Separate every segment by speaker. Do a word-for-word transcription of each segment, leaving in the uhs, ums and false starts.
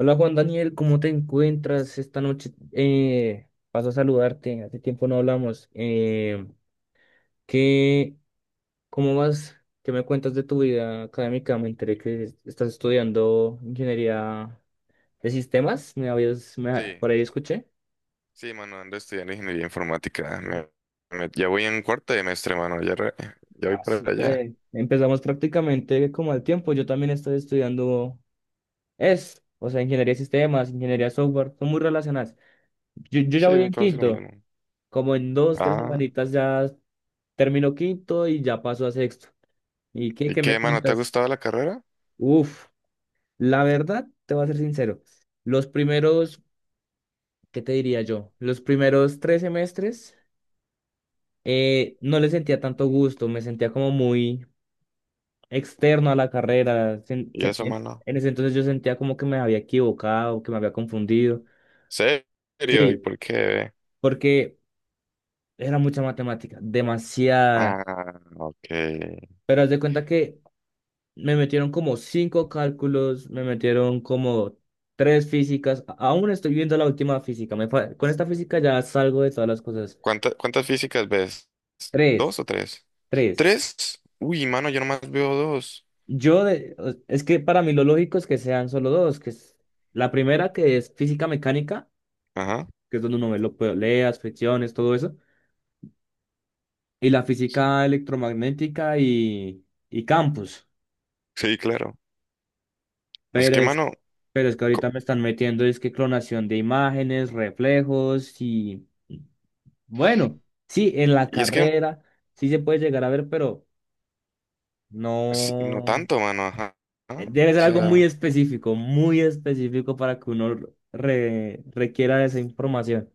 Speaker 1: Hola Juan Daniel, ¿cómo te encuentras esta noche? Eh, paso a saludarte, hace tiempo no hablamos. Eh, ¿qué, ¿Cómo vas? ¿Qué me cuentas de tu vida académica? Me enteré que estás estudiando ingeniería de sistemas, me habías, me-
Speaker 2: Sí,
Speaker 1: por ahí escuché.
Speaker 2: sí, mano, ando estudiando ingeniería informática. Me- me- ya voy en cuarto semestre, mano, ya, re- ya voy
Speaker 1: Ah,
Speaker 2: para allá.
Speaker 1: súper. Empezamos prácticamente como al tiempo, yo también estoy estudiando E S, o sea, ingeniería de sistemas, ingeniería de software, son muy relacionadas. Yo, yo ya voy
Speaker 2: Sí,
Speaker 1: en
Speaker 2: casi lo
Speaker 1: quinto,
Speaker 2: mismo.
Speaker 1: como en dos, tres
Speaker 2: Ah,
Speaker 1: semanitas ya terminó quinto y ya pasó a sexto. ¿Y qué,
Speaker 2: ¿y
Speaker 1: qué me
Speaker 2: qué, mano? ¿Te ha
Speaker 1: cuentas?
Speaker 2: gustado la carrera?
Speaker 1: Uf, la verdad, te voy a ser sincero. Los primeros, ¿qué te diría yo? Los primeros tres semestres eh, no le sentía tanto gusto, me sentía como muy externo a la carrera. Sen-
Speaker 2: ¿Y
Speaker 1: se-
Speaker 2: eso,
Speaker 1: en
Speaker 2: mano?
Speaker 1: en ese entonces yo sentía como que me había equivocado, que me había confundido.
Speaker 2: ¿Serio? ¿Y
Speaker 1: Sí,
Speaker 2: por qué?
Speaker 1: porque era mucha matemática, demasiada.
Speaker 2: Ah, ok.
Speaker 1: Pero haz de cuenta que me metieron como cinco cálculos, me metieron como tres físicas. a- Aún estoy viendo la última física. Me fa- Con esta física ya salgo de todas las cosas.
Speaker 2: ¿Cuánta- cuántas físicas ves?
Speaker 1: Tres,
Speaker 2: ¿Dos o tres?
Speaker 1: tres.
Speaker 2: ¿Tres? Uy, mano, yo nomás veo dos.
Speaker 1: Yo, de- o- es que para mí lo lógico es que sean solo dos, que es la primera que es física mecánica,
Speaker 2: Ajá,
Speaker 1: que es donde uno ve lo poleas, fricciones, todo eso, y la física electromagnética y, y campos.
Speaker 2: sí, claro. Es
Speaker 1: Pero
Speaker 2: que,
Speaker 1: es,
Speaker 2: mano,
Speaker 1: pero es que ahorita
Speaker 2: co-
Speaker 1: me están metiendo, es que clonación de imágenes, reflejos y... Bueno, sí, en la
Speaker 2: y es que
Speaker 1: carrera sí se puede llegar a ver, pero
Speaker 2: sí, no
Speaker 1: no.
Speaker 2: tanto, mano, ajá.
Speaker 1: eh,
Speaker 2: Ajá.
Speaker 1: Debe
Speaker 2: O
Speaker 1: ser algo muy
Speaker 2: sea,
Speaker 1: específico, muy específico para que uno re- requiera esa información.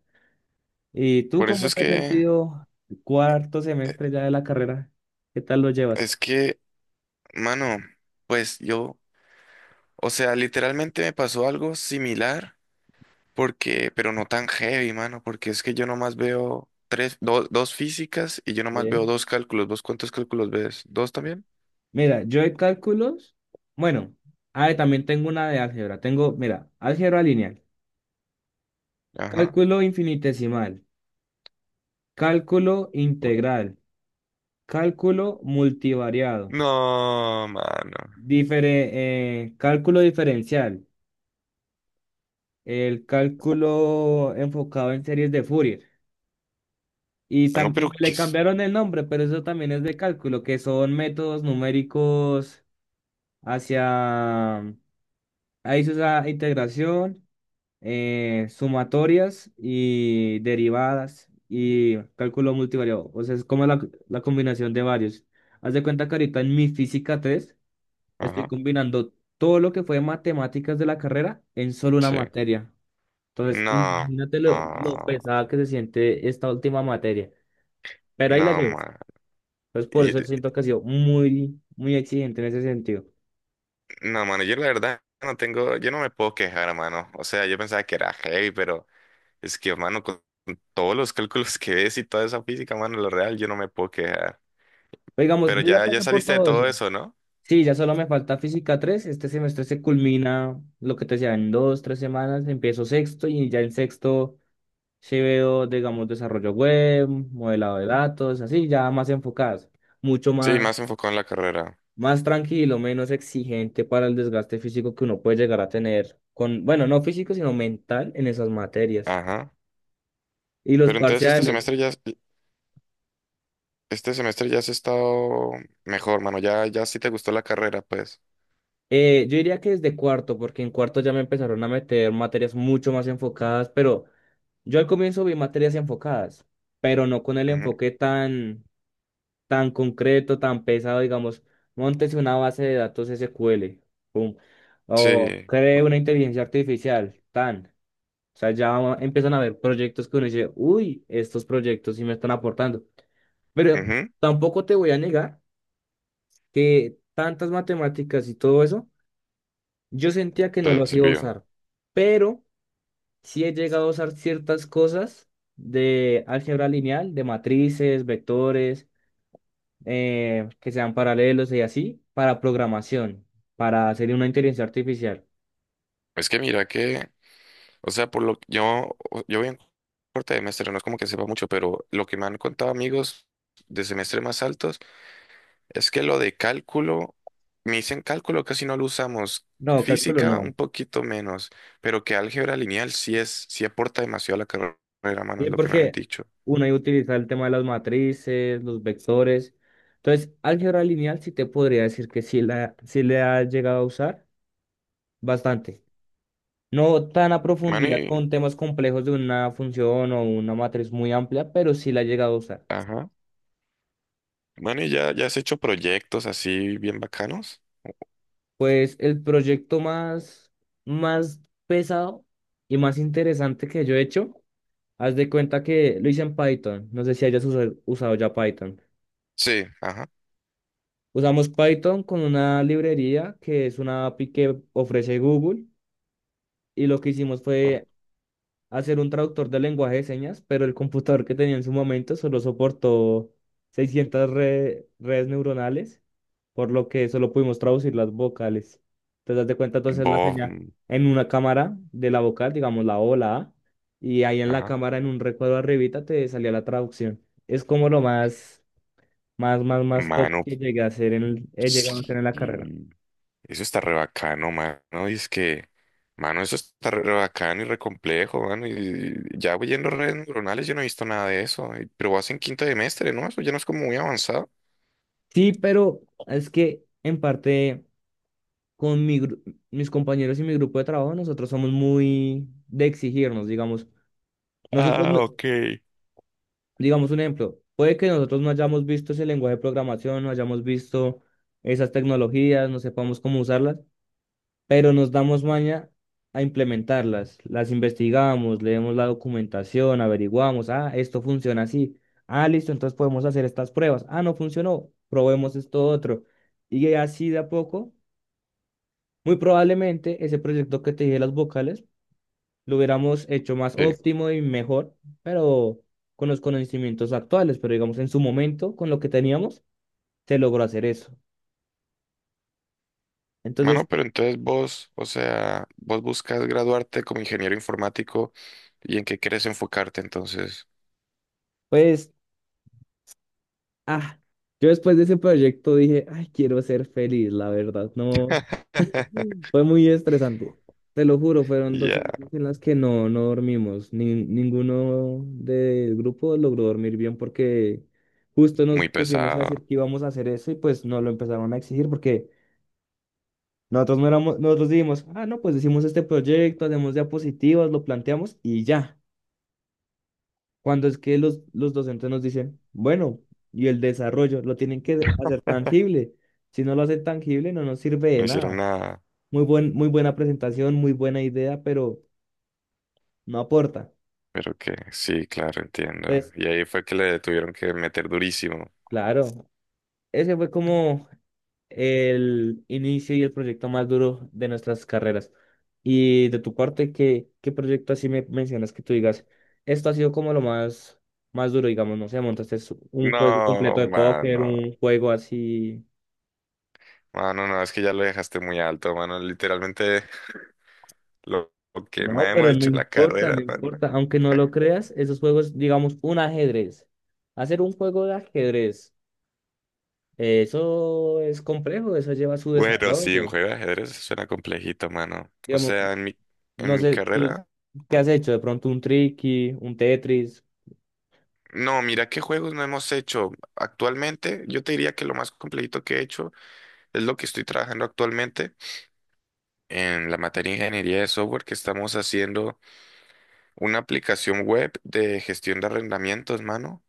Speaker 1: ¿Y tú
Speaker 2: por eso
Speaker 1: cómo
Speaker 2: es
Speaker 1: te has
Speaker 2: que
Speaker 1: sentido el cuarto semestre
Speaker 2: eh,
Speaker 1: ya de la carrera? ¿Qué tal lo llevas?
Speaker 2: es que mano, pues yo, o sea, literalmente me pasó algo similar, porque, pero no tan heavy, mano, porque es que yo nomás veo tres, do- dos físicas y yo nomás veo
Speaker 1: Bien.
Speaker 2: dos cálculos. ¿Vos cuántos cálculos ves? ¿Dos también?
Speaker 1: Mira, yo de cálculos, bueno, ah, y también tengo una de álgebra. Tengo, mira, álgebra lineal,
Speaker 2: Ajá.
Speaker 1: cálculo infinitesimal, cálculo
Speaker 2: O-
Speaker 1: integral, cálculo multivariado.
Speaker 2: No, mano.
Speaker 1: Difere- eh, cálculo diferencial, el cálculo enfocado en series de Fourier. Y, tam-
Speaker 2: Mano,
Speaker 1: y
Speaker 2: pero ¿qué
Speaker 1: le
Speaker 2: es?
Speaker 1: cambiaron el nombre, pero eso también es de cálculo, que son métodos numéricos hacia... Ahí se usa integración, eh, sumatorias y derivadas y cálculo multivariado. O sea, es como la, la combinación de varios. Haz de cuenta que ahorita en mi física tres estoy
Speaker 2: Ajá,
Speaker 1: combinando todo lo que fue matemáticas de la carrera en solo una
Speaker 2: sí.
Speaker 1: materia. Entonces,
Speaker 2: No,
Speaker 1: imagínate lo, lo
Speaker 2: no,
Speaker 1: pesada que se siente esta última materia. Pero ahí la
Speaker 2: no,
Speaker 1: llevo.
Speaker 2: mano.
Speaker 1: Entonces, por
Speaker 2: Y-
Speaker 1: eso siento que ha sido muy, muy exigente en ese sentido.
Speaker 2: No, mano, yo la verdad no tengo, yo no me puedo quejar, mano. O sea, yo pensaba que era heavy, pero. Es que, mano, con con todos los cálculos que ves y toda esa física, mano, lo real, yo no me puedo quejar.
Speaker 1: Pero digamos,
Speaker 2: Pero
Speaker 1: yo ya
Speaker 2: ya, ya
Speaker 1: pasé por
Speaker 2: saliste de
Speaker 1: todo
Speaker 2: todo
Speaker 1: eso.
Speaker 2: eso, ¿no?
Speaker 1: Sí, ya solo me falta física tres. Este semestre se culmina lo que te decía en dos, tres semanas. Empiezo sexto y ya en sexto se veo, digamos, desarrollo web, modelado de datos, así, ya más enfocadas, mucho
Speaker 2: Sí,
Speaker 1: más,
Speaker 2: más enfocado en la carrera.
Speaker 1: más tranquilo, menos exigente para el desgaste físico que uno puede llegar a tener con, bueno, no físico, sino mental en esas materias.
Speaker 2: Ajá.
Speaker 1: Y los
Speaker 2: Pero entonces este
Speaker 1: parciales,
Speaker 2: semestre ya, has- este semestre ya has estado mejor, mano. Ya, ya sí te gustó la carrera, pues.
Speaker 1: eh, yo diría que desde cuarto, porque en cuarto ya me empezaron a meter materias mucho más enfocadas, pero yo al comienzo vi materias enfocadas, pero no con el
Speaker 2: Ujú.
Speaker 1: enfoque tan, tan concreto, tan pesado, digamos, móntese una base de datos S Q L, pum, o
Speaker 2: Sí.
Speaker 1: cree una inteligencia artificial, tan. O sea, ya empiezan a haber proyectos que uno dice, uy, estos proyectos sí me están aportando. Pero
Speaker 2: Ujú.
Speaker 1: tampoco te voy a negar que tantas matemáticas y todo eso, yo sentía que no
Speaker 2: Te
Speaker 1: las iba a
Speaker 2: sirvió.
Speaker 1: usar. Pero sí he llegado a usar ciertas cosas de álgebra lineal, de matrices, vectores, eh, que sean paralelos y así, para programación, para hacer una inteligencia artificial.
Speaker 2: Es que mira que, o sea, por lo que yo, yo voy en corte de semestre, no es como que sepa mucho, pero lo que me han contado amigos de semestre más altos. Es que lo de cálculo, me dicen cálculo casi no lo usamos,
Speaker 1: No, cálculo
Speaker 2: física un
Speaker 1: no.
Speaker 2: poquito menos, pero que álgebra lineal sí es, sí aporta demasiado a la carrera, mano, es
Speaker 1: Sí,
Speaker 2: lo que me han
Speaker 1: porque
Speaker 2: dicho.
Speaker 1: uno ahí utiliza el tema de las matrices, los vectores. Entonces, álgebra lineal sí te podría decir que sí, la, sí le ha llegado a usar bastante. No tan a
Speaker 2: Mano,
Speaker 1: profundidad
Speaker 2: y,
Speaker 1: con temas complejos de una función o una matriz muy amplia, pero sí la ha llegado a usar.
Speaker 2: ajá. Mano, ¿y ya, ya has hecho proyectos así bien bacanos?
Speaker 1: Pues el proyecto más, más pesado y más interesante que yo he hecho, haz de cuenta que lo hice en Python. No sé si hayas usa- usado ya Python.
Speaker 2: Sí, ajá.
Speaker 1: Usamos Python con una librería que es una A P I que ofrece Google y lo que hicimos fue hacer un traductor de lenguaje de señas, pero el computador que tenía en su momento solo soportó seiscientas re- redes neuronales, por lo que solo pudimos traducir las vocales. Entonces, haz de cuenta, entonces la
Speaker 2: Bob,
Speaker 1: señal
Speaker 2: mm,
Speaker 1: en una cámara de la vocal, digamos la O, la A, y ahí en la
Speaker 2: ajá.
Speaker 1: cámara, en un recuadro arribita, te salía la traducción. Es como lo más, más, más, más top
Speaker 2: Mano,
Speaker 1: que llegué a hacer en, el- he llegado a hacer
Speaker 2: sí.
Speaker 1: en la carrera.
Speaker 2: Eso está re bacano, mano. Y es que, mano, eso está re bacano y re complejo, mano. Y ya voy yendo redes neuronales, yo no he visto nada de eso. y- Pero vas en quinto semestre, ¿no? Eso ya no es como muy avanzado.
Speaker 1: Sí, pero es que en parte con mi gru- mis compañeros y mi grupo de trabajo, nosotros somos muy de exigirnos, digamos. Nosotros,
Speaker 2: Ah,
Speaker 1: no-
Speaker 2: ok.
Speaker 1: digamos un ejemplo, puede que nosotros no hayamos visto ese lenguaje de programación, no hayamos visto esas tecnologías, no sepamos cómo usarlas, pero nos damos maña a implementarlas. Las investigamos, leemos la documentación, averiguamos, ah, esto funciona así. Ah, listo, entonces podemos hacer estas pruebas. Ah, no funcionó, probemos esto otro. Y así de a poco muy probablemente ese proyecto que te dije de las vocales lo hubiéramos hecho más
Speaker 2: Sí.
Speaker 1: óptimo y mejor, pero con los conocimientos actuales, pero digamos en su momento, con lo que teníamos, se logró hacer eso. Entonces,
Speaker 2: Mano, pero entonces vos, o sea, vos buscas graduarte como ingeniero informático y en qué quieres enfocarte entonces.
Speaker 1: pues, ah, yo después de ese proyecto dije, ay, quiero ser feliz, la verdad, no, fue muy estresante. Te lo juro, fueron dos
Speaker 2: Ya,
Speaker 1: semanas en las que no, no dormimos. Ni- ninguno del grupo logró dormir bien porque justo nos
Speaker 2: muy
Speaker 1: pusimos a decir
Speaker 2: pesado.
Speaker 1: que íbamos a hacer eso y pues nos lo empezaron a exigir porque nosotros no éramos, nosotros dijimos, ah, no, pues hicimos este proyecto, hacemos diapositivas, lo planteamos y ya. Cuando es que los, los docentes nos dicen, bueno, y el desarrollo lo tienen que hacer tangible. Si no lo hacen tangible, no nos sirve de
Speaker 2: No hicieron
Speaker 1: nada.
Speaker 2: nada.
Speaker 1: Muy buen, muy buena presentación, muy buena idea, pero no aporta.
Speaker 2: Pero que sí, claro, entiendo.
Speaker 1: Entonces,
Speaker 2: Y ahí fue que le tuvieron que meter durísimo.
Speaker 1: claro, ese fue como el inicio y el proyecto más duro de nuestras carreras. Y de tu parte, ¿qué, qué proyecto así me mencionas que tú digas? Esto ha sido como lo más, más duro, digamos, no sé, montaste su- un juego
Speaker 2: No,
Speaker 1: completo de póker,
Speaker 2: mano.
Speaker 1: un juego así.
Speaker 2: Mano, no, no, es que ya lo dejaste muy alto, mano. Literalmente lo, lo que
Speaker 1: No,
Speaker 2: más hemos
Speaker 1: pero no
Speaker 2: dicho en la
Speaker 1: importa, no
Speaker 2: carrera, mano.
Speaker 1: importa. Aunque no lo creas, esos juegos, digamos, un ajedrez. Hacer un juego de ajedrez. Eh, Eso es complejo, eso lleva su
Speaker 2: Bueno, sí, un
Speaker 1: desarrollo.
Speaker 2: juego de ajedrez suena complejito, mano. O
Speaker 1: Digamos,
Speaker 2: sea, en mi,
Speaker 1: no
Speaker 2: en mi
Speaker 1: sé, tú
Speaker 2: carrera.
Speaker 1: qué has hecho, de pronto un Tricky, un Tetris,
Speaker 2: No, mira qué juegos no hemos hecho. Actualmente, yo te diría que lo más complejito que he hecho es lo que estoy trabajando actualmente en la materia de ingeniería de software que estamos haciendo. Una aplicación web de gestión de arrendamientos, mano.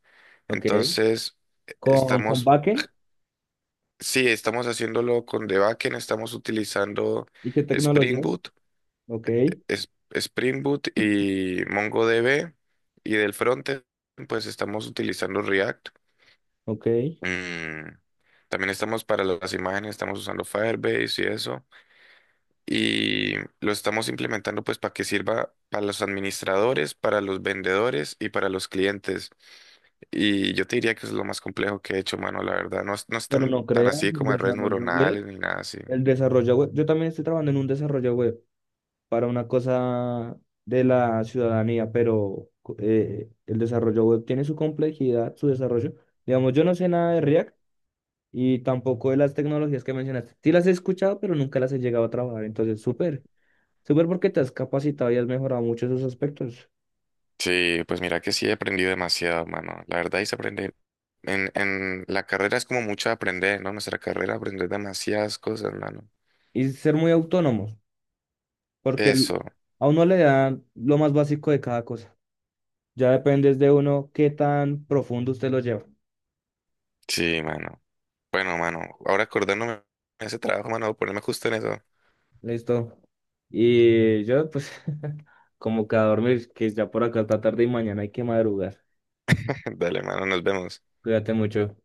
Speaker 1: ok,
Speaker 2: Entonces, e-
Speaker 1: con, con
Speaker 2: estamos,
Speaker 1: backend
Speaker 2: sí, estamos haciéndolo con The Backend, estamos utilizando
Speaker 1: y qué
Speaker 2: Spring
Speaker 1: tecnologías,
Speaker 2: Boot,
Speaker 1: ok,
Speaker 2: es- Spring Boot y MongoDB, y del frontend, pues estamos utilizando React.
Speaker 1: ok,
Speaker 2: Mm, también estamos para las imágenes, estamos usando Firebase y eso. Y lo estamos implementando pues para que sirva para los administradores, para los vendedores y para los clientes. Y yo te diría que es lo más complejo que he hecho, mano, la verdad. No, es- no es
Speaker 1: pero
Speaker 2: tan,
Speaker 1: no
Speaker 2: tan
Speaker 1: creas
Speaker 2: así
Speaker 1: el
Speaker 2: como de redes
Speaker 1: desarrollo web.
Speaker 2: neuronales ni nada así.
Speaker 1: El desarrollo web, yo también estoy trabajando en un desarrollo web para una cosa de la ciudadanía, pero eh, el desarrollo web tiene su complejidad, su desarrollo. Digamos, yo no sé nada de React y tampoco de las tecnologías que mencionaste. Sí las he escuchado, pero nunca las he llegado a trabajar. Entonces, súper, súper porque te has capacitado y has mejorado mucho esos aspectos.
Speaker 2: Sí, pues mira que sí he aprendido demasiado, mano. La verdad, y se aprende. En, en la carrera es como mucho aprender, ¿no? Nuestra carrera aprender demasiadas cosas, mano.
Speaker 1: Y ser muy autónomos, porque el-
Speaker 2: Eso,
Speaker 1: a uno le dan lo más básico de cada cosa. Ya depende de uno qué tan profundo usted lo lleva.
Speaker 2: sí, mano. Bueno, mano, ahora acordándome de ese trabajo, mano, voy a ponerme justo en eso.
Speaker 1: Listo. Y yo, pues, como que a dormir, que ya por acá está tarde y mañana hay que madrugar.
Speaker 2: Dale, mano, nos vemos.
Speaker 1: Cuídate mucho.